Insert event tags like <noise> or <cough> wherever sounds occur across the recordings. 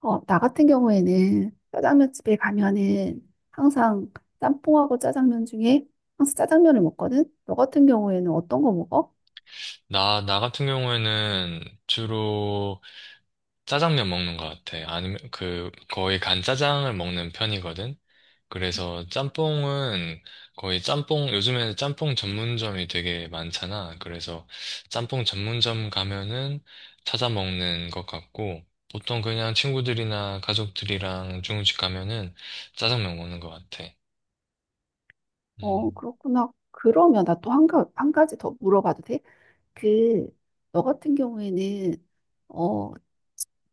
나 같은 경우에는 짜장면 집에 가면은 항상 짬뽕하고 짜장면 중에 항상 짜장면을 먹거든? 너 같은 경우에는 어떤 거 먹어? 나 같은 경우에는 주로 짜장면 먹는 것 같아. 아니면 그 거의 간짜장을 먹는 편이거든. 그래서 짬뽕은 거의 짬뽕, 요즘에는 짬뽕 전문점이 되게 많잖아. 그래서 짬뽕 전문점 가면은 찾아 먹는 것 같고, 보통 그냥 친구들이나 가족들이랑 중국집 가면은 짜장면 먹는 것 같아. 어, 음. 그렇구나. 그러면 나 또 한 가지 더 물어봐도 돼? 그, 너 같은 경우에는 어,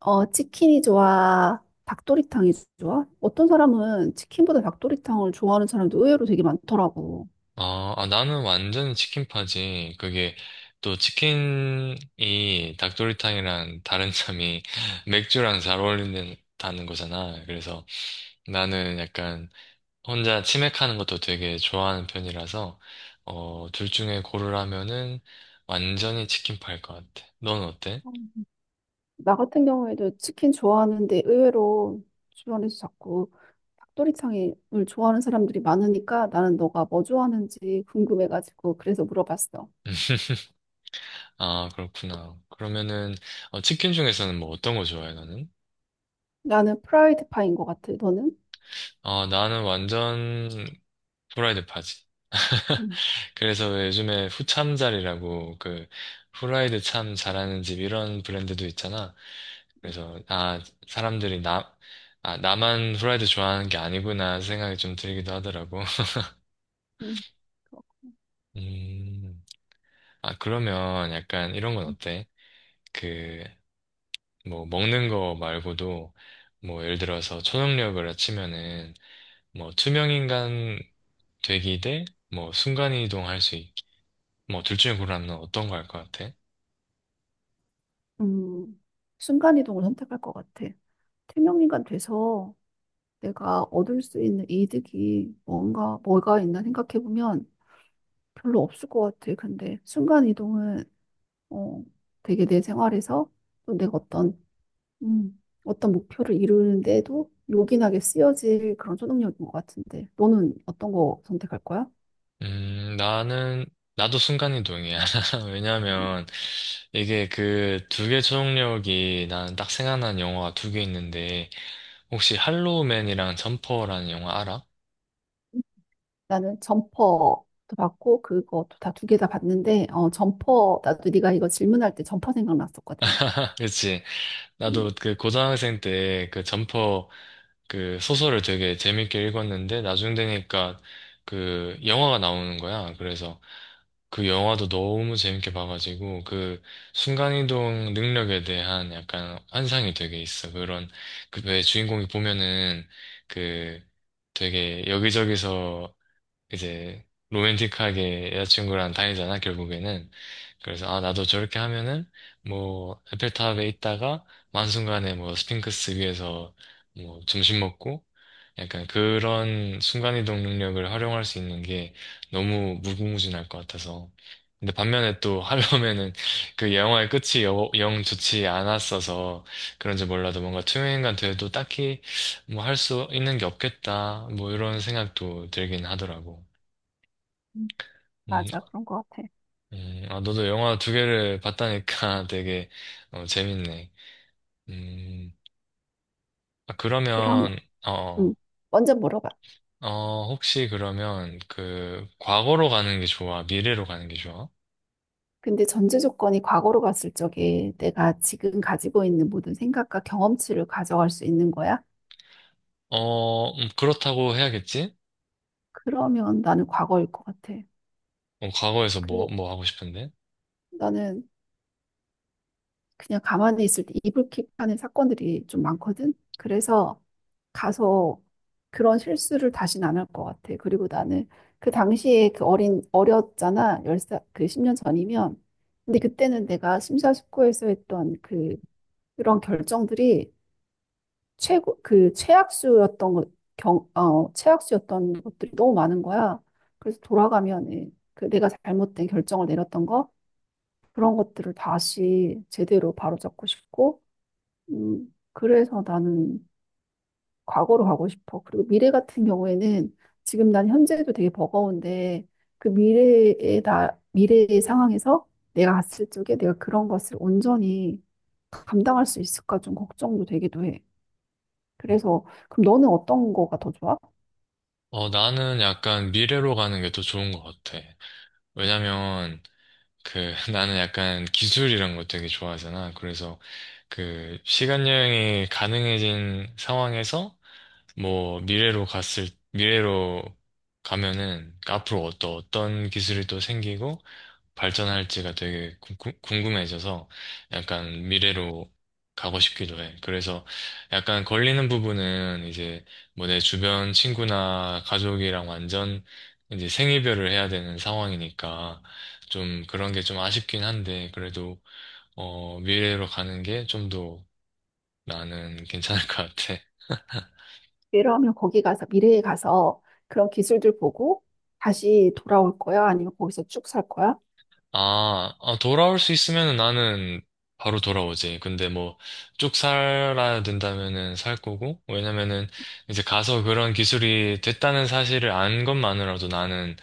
치킨이 좋아? 닭도리탕이 좋아? 어떤 사람은 치킨보다 닭도리탕을 좋아하는 사람도 의외로 되게 많더라고. 아, 나는 완전 치킨파지. 그게 또 치킨이 닭도리탕이랑 다른 점이 <laughs> 맥주랑 잘 어울린다는 거잖아. 그래서 나는 약간 혼자 치맥하는 것도 되게 좋아하는 편이라서 둘 중에 고르라면은 완전히 치킨파일 것 같아. 넌 어때? 나 같은 경우에도 치킨 좋아하는데 의외로 주변에서 자꾸 닭도리탕을 좋아하는 사람들이 많으니까 나는 너가 뭐 좋아하는지 궁금해가지고 그래서 물어봤어. 아, 그렇구나. 그러면은 치킨 중에서는 뭐 어떤 거 좋아해, 너는? 나는 프라이드 파인 것 같아. 너는? 나는 완전 프라이드 파지. 음, 그래서 왜 요즘에 후참잘이라고 그 후라이드 참 잘하는 집 이런 브랜드도 있잖아. 그래서 사람들이 나만 후라이드 좋아하는 게 아니구나 생각이 좀 들기도 하더라고. <laughs> 음, 그렇군. 음, 아, 그러면 약간 이런 건 어때? 그 뭐 먹는 거 말고도 뭐 예를 들어서 초능력을 치면은 뭐 투명인간 되기 대 뭐 순간이동 할 수 있기 뭐둘 중에 고르라면 어떤 거 할 것 같아? 음, 순간이동을 선택할 것 같아. 태명인간 돼서 내가 얻을 수 있는 이득이 뭔가, 뭐가 있나 생각해보면 별로 없을 것 같아. 근데 순간이동은 어, 되게 내 생활에서 또 내가 어떤 어떤 목표를 이루는데도 요긴하게 쓰여질 그런 초능력인 것 같은데. 너는 어떤 거 선택할 거야? 음, 나는, 나도 순간이동이야. <laughs> 음, 왜냐면, 이게 그 두 개 초능력이 나는 딱 생각난 영화가 두 개 있는데, 혹시 할로우맨이랑 점퍼라는 영화 알아? 나는 점퍼도 받고 그것도 다 두 개 다 받는데 어, 점퍼 나도 네가 이거 질문할 때 점퍼 생각났었거든. <laughs> 그치. 음, 나도 그 고등학생 때 그 점퍼 그 소설을 되게 재밌게 읽었는데, 나중 되니까 그 영화가 나오는 거야. 그래서, 그 영화도 너무 재밌게 봐가지고 그 순간이동 능력에 대한 약간 환상이 되게 있어. 그런 그 왜 주인공이 보면은 그 되게 여기저기서 이제 로맨틱하게 여자친구랑 다니잖아, 결국에는. 그래서, 아, 나도 저렇게 하면은, 뭐, 에펠탑에 있다가, 만순간에 뭐, 스핑크스 위에서 뭐, 점심 먹고, 약간 그런 순간이동 능력을 활용할 수 있는 게 너무 무궁무진할 것 같아서. 근데 반면에 또 하려면은 그 영화의 끝이 영 좋지 않았어서 그런지 몰라도 뭔가 투명인간 돼도 딱히 뭐 할 수 있는 게 없겠다. 뭐 이런 생각도 들긴 하더라고. 음, 음, 맞아, 그런 것 같아. 아, 너도 영화 두 개를 봤다니까 <laughs> 되게 재밌네. 음, 아, 그러면 어, 음, 먼저 물어봐. 혹시 그러면 그 과거로 가는 게 좋아? 미래로 가는 게 좋아? 근데 전제 조건이 과거로 갔을 적에 내가 지금 가지고 있는 모든 생각과 경험치를 가져갈 수 있는 거야? 그렇다고 해야겠지? 그러면 나는 과거일 것 같아. 과거에서 뭐, 그 뭐 하고 싶은데? 나는 그냥 가만히 있을 때 이불킥하는 사건들이 좀 많거든. 그래서 가서 그런 실수를 다시는 안 할 것 같아. 그리고 나는 그 당시에 그 어린 어렸잖아. 열사그 10년 전이면. 근데 그때는 내가 심사숙고해서 했던 그런 결정들이 최고 그 최악수였던 것, 최악수였던 것들이 너무 많은 거야. 그래서 돌아가면 예, 그 내가 잘못된 결정을 내렸던 거 그런 것들을 다시 제대로 바로잡고 싶고, 그래서 나는 과거로 가고 싶어. 그리고 미래 같은 경우에는 지금 난 현재도 되게 버거운데 그 미래의 상황에서 내가 갔을 적에 내가 그런 것을 온전히 감당할 수 있을까 좀 걱정도 되기도 해. 그래서 그럼 너는 어떤 거가 더 좋아? 나는 약간 미래로 가는 게 더 좋은 것 같아. 왜냐면 그 <laughs> 나는 약간 기술 이런 거 되게 좋아하잖아. 그래서 그 시간 여행이 가능해진 상황에서 뭐 미래로 가면은 앞으로 어떤 기술이 또 생기고 발전할지가 되게 궁금해져서 약간 미래로 가고 싶기도 해. 그래서 약간 걸리는 부분은 이제 뭐 내 주변 친구나 가족이랑 완전 이제 생이별을 해야 되는 상황이니까 좀 그런 게 좀 아쉽긴 한데 그래도 미래로 가는 게 좀 더 나는 괜찮을 것 같아. 이러면 거기 가서 미래에 가서 그런 기술들 보고 다시 돌아올 거야? 아니면 거기서 쭉 살 거야? 아, 돌아올 수 있으면 나는 바로 돌아오지. 근데 뭐, 쭉 살아야 된다면은 살 거고, 왜냐면은 이제 가서 그런 기술이 됐다는 사실을 안 것만으로도 나는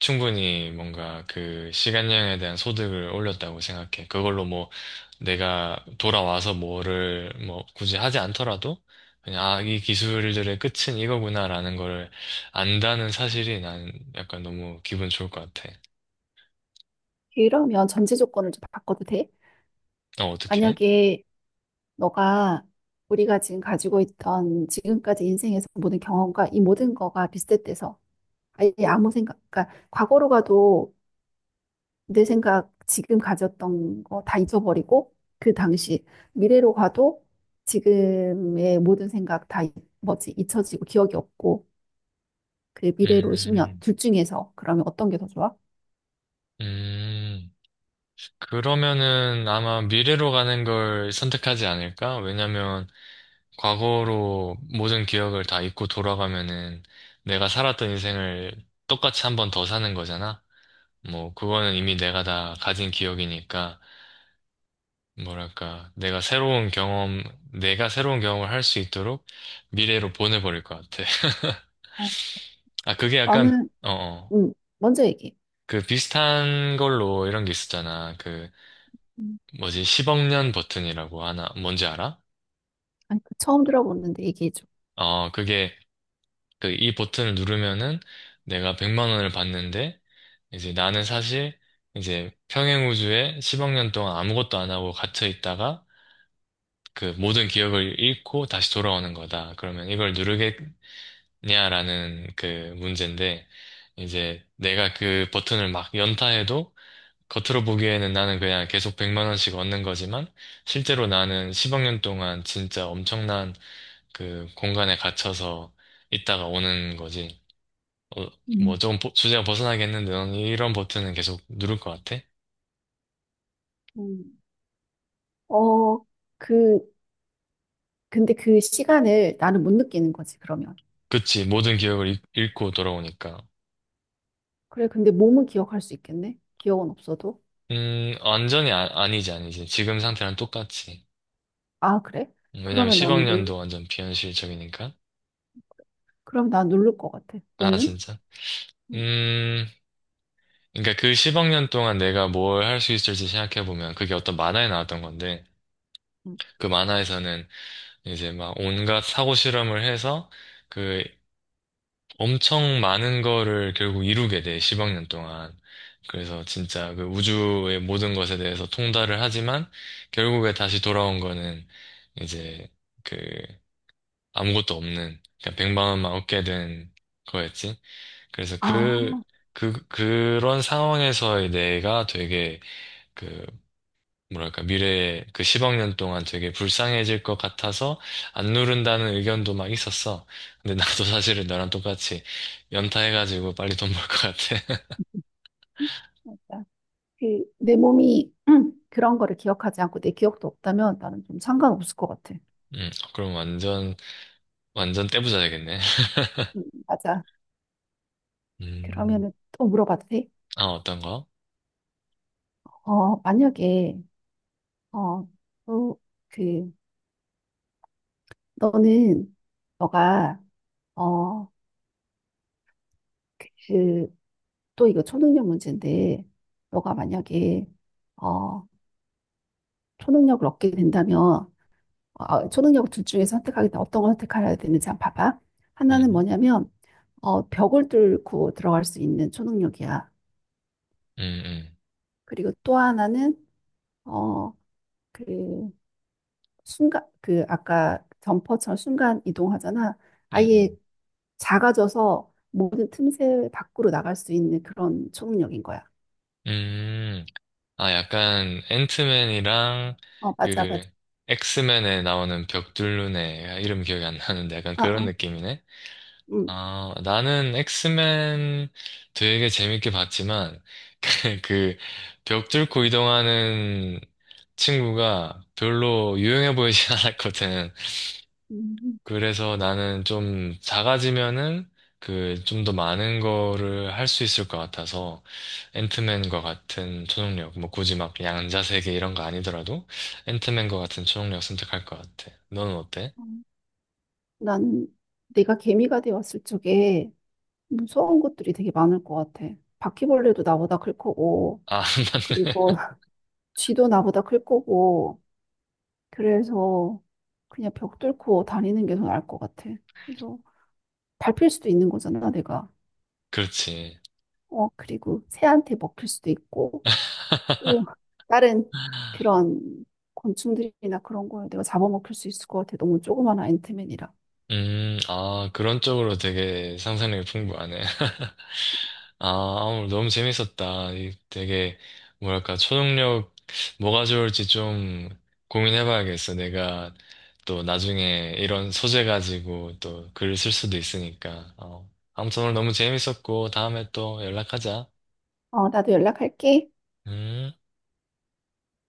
충분히 뭔가 그 시간 여행에 대한 소득을 올렸다고 생각해. 그걸로 뭐, 내가 돌아와서 뭐를 뭐 굳이 하지 않더라도, 그냥 아, 이 기술들의 끝은 이거구나라는 거를 안다는 사실이 난 약간 너무 기분 좋을 것 같아. 이러면 전제 조건을 좀 바꿔도 돼? 어떡해? 만약에 너가 우리가 지금 가지고 있던 지금까지 인생에서 모든 경험과 이 모든 거가 리셋돼서 아예 아무 생각, 그러니까 과거로 가도 내 생각 지금 가졌던 거 다 잊어버리고 그 당시 미래로 가도 지금의 모든 생각 다 잊- 뭐지 잊혀지고 기억이 없고 그 미래로 10년 음. 둘 중에서 그러면 어떤 게 더 좋아? 음, 그러면은 아마 미래로 가는 걸 선택하지 않을까? 왜냐면 과거로 모든 기억을 다 잊고 돌아가면은 내가 살았던 인생을 똑같이 한 번 더 사는 거잖아? 뭐, 그거는 이미 내가 다 가진 기억이니까, 뭐랄까, 내가 새로운 경험을 할 수 있도록 미래로 보내버릴 것 같아. 어, <laughs> 아, 그게 약간, 나는 어, 어. 음 먼저 얘기해. 그 비슷한 걸로 이런 게 있었잖아. 그, 음, 뭐지, 10억 년 버튼이라고 하나, 뭔지 알아? 아니 그 처음 들어보는데 얘기해줘. 그게, 그, 이 버튼을 누르면은 내가 100만 원을 받는데, 이제 나는 사실, 이제 평행 우주에 10억 년 동안 아무것도 안 하고 갇혀 있다가, 그 모든 기억을 잃고 다시 돌아오는 거다. 그러면 이걸 누르겠냐라는 그 문제인데, 이제 내가 그 버튼을 막 연타해도, 겉으로 보기에는 나는 그냥 계속 100만 원씩 얻는 거지만, 실제로 나는 10억 년 동안 진짜 엄청난 그 공간에 갇혀서 있다가 오는 거지. 어, 음. 뭐 조금 주제가 벗어나긴 했는데 넌 이런 버튼은 계속 누를 것 같아? 음. 어, 그, 근데 그 시간을 나는 못 느끼는 거지, 그러면. 그치, 모든 기억을 잃고 돌아오니까. 그래, 근데 몸은 기억할 수 있겠네? 기억은 없어도. 완전히 아, 니지 아니지. 지금 상태랑 똑같지. 아, 그래? 왜냐면 그러면 10억 나는 놀, 년도 완전 비현실적이니까. 그럼 난 누를 것 같아. 아, 너는? 진짜? 음, 음, 그러니까 그 10억 년 동안 내가 뭘 할 수 있을지 생각해보면 그게 어떤 만화에 나왔던 건데, 음. 그 만화에서는 이제 막 온갖 사고 실험을 해서 그 엄청 많은 거를 결국 이루게 돼, 10억 년 동안. 그래서 진짜 그 우주의 모든 것에 대해서 통달을 하지만 결국에 다시 돌아온 거는 이제 그 아무것도 없는, 그냥 100만 원만 얻게 된 거였지. 그래서 아, 그, 그런 상황에서의 내가 되게 그 뭐랄까, 미래에 그 10억 년 동안 되게 불쌍해질 것 같아서 안 누른다는 의견도 막 있었어. 근데 나도 <laughs> 사실은 너랑 똑같이 연타해가지고 빨리 돈 벌 것 같아. <laughs> 맞아. 그, 내 몸이 그런 거를 기억하지 않고 내 기억도 없다면 나는 좀 상관없을 것 같아. 그럼 완전 떼부자야겠네. 맞아. 음, 그러면은 또 물어봐도 돼? 아, 어떤 거? 어, 만약에, 어, 또, 그, 너는, 너가, 어, 그, 또 이거 초능력 문제인데, 너가 만약에, 어, 초능력을 얻게 된다면, 초능력 둘 중에 선택하겠다. 어떤 걸 선택해야 되는지 한번 봐봐. 하나는 음, 뭐냐면, 벽을 뚫고 들어갈 수 있는 초능력이야. 음, 음, 그리고 또 하나는 어, 그 순간 그 아까 점퍼처럼 순간 이동하잖아. 아예 음, 작아져서 모든 틈새 밖으로 나갈 수 있는 그런 초능력인 거야. 음. 아, 약간 앤트맨이랑 어, 맞아, 맞아. 그 엑스맨에 나오는 벽돌루네. 이름 기억이 안 나는데 약간 아, 그런 아, 느낌이네. 음, 아, 나는 엑스맨 되게 재밌게 봤지만, <laughs> 그, 벽 뚫고 이동하는 친구가 별로 유용해 보이진 <laughs> 않았거든. 음, 그래서 나는 좀 작아지면은, 그, 좀 더 많은 거를 할 수 있을 것 같아서, 앤트맨과 같은 초능력, 뭐 굳이 막 양자세계 이런 거 아니더라도, 앤트맨과 같은 초능력 선택할 것 같아. 너는 어때? 음. 난 내가 개미가 되었을 적에 무서운 것들이 되게 많을 것 같아. 바퀴벌레도 나보다 클 거고, 아, <laughs> 그리고 맞네. <laughs> 쥐도 나보다 클 거고, 그래서 그냥 벽 뚫고 다니는 게 더 나을 것 같아. 그래서 밟힐 수도 있는 거잖아, 내가. 그렇지. 어, 그리고 새한테 먹힐 수도 있고, <laughs> 또 다른 그런 곤충들이나 그런 거에 내가 잡아먹힐 수 있을 것 같아. 너무 조그만 앤트맨이라. 아, 그런 쪽으로 되게 상상력이 풍부하네. <laughs> 아, 오늘 너무 재밌었다. 이 되게, 뭐랄까, 초능력, 뭐가 좋을지 좀 고민해봐야겠어. 내가 또 나중에 이런 소재 가지고 또 글을 쓸 수도 있으니까. 어. 아무튼 오늘 너무 재밌었고, 다음에 또 연락하자. 어, 나도 연락할게. 음.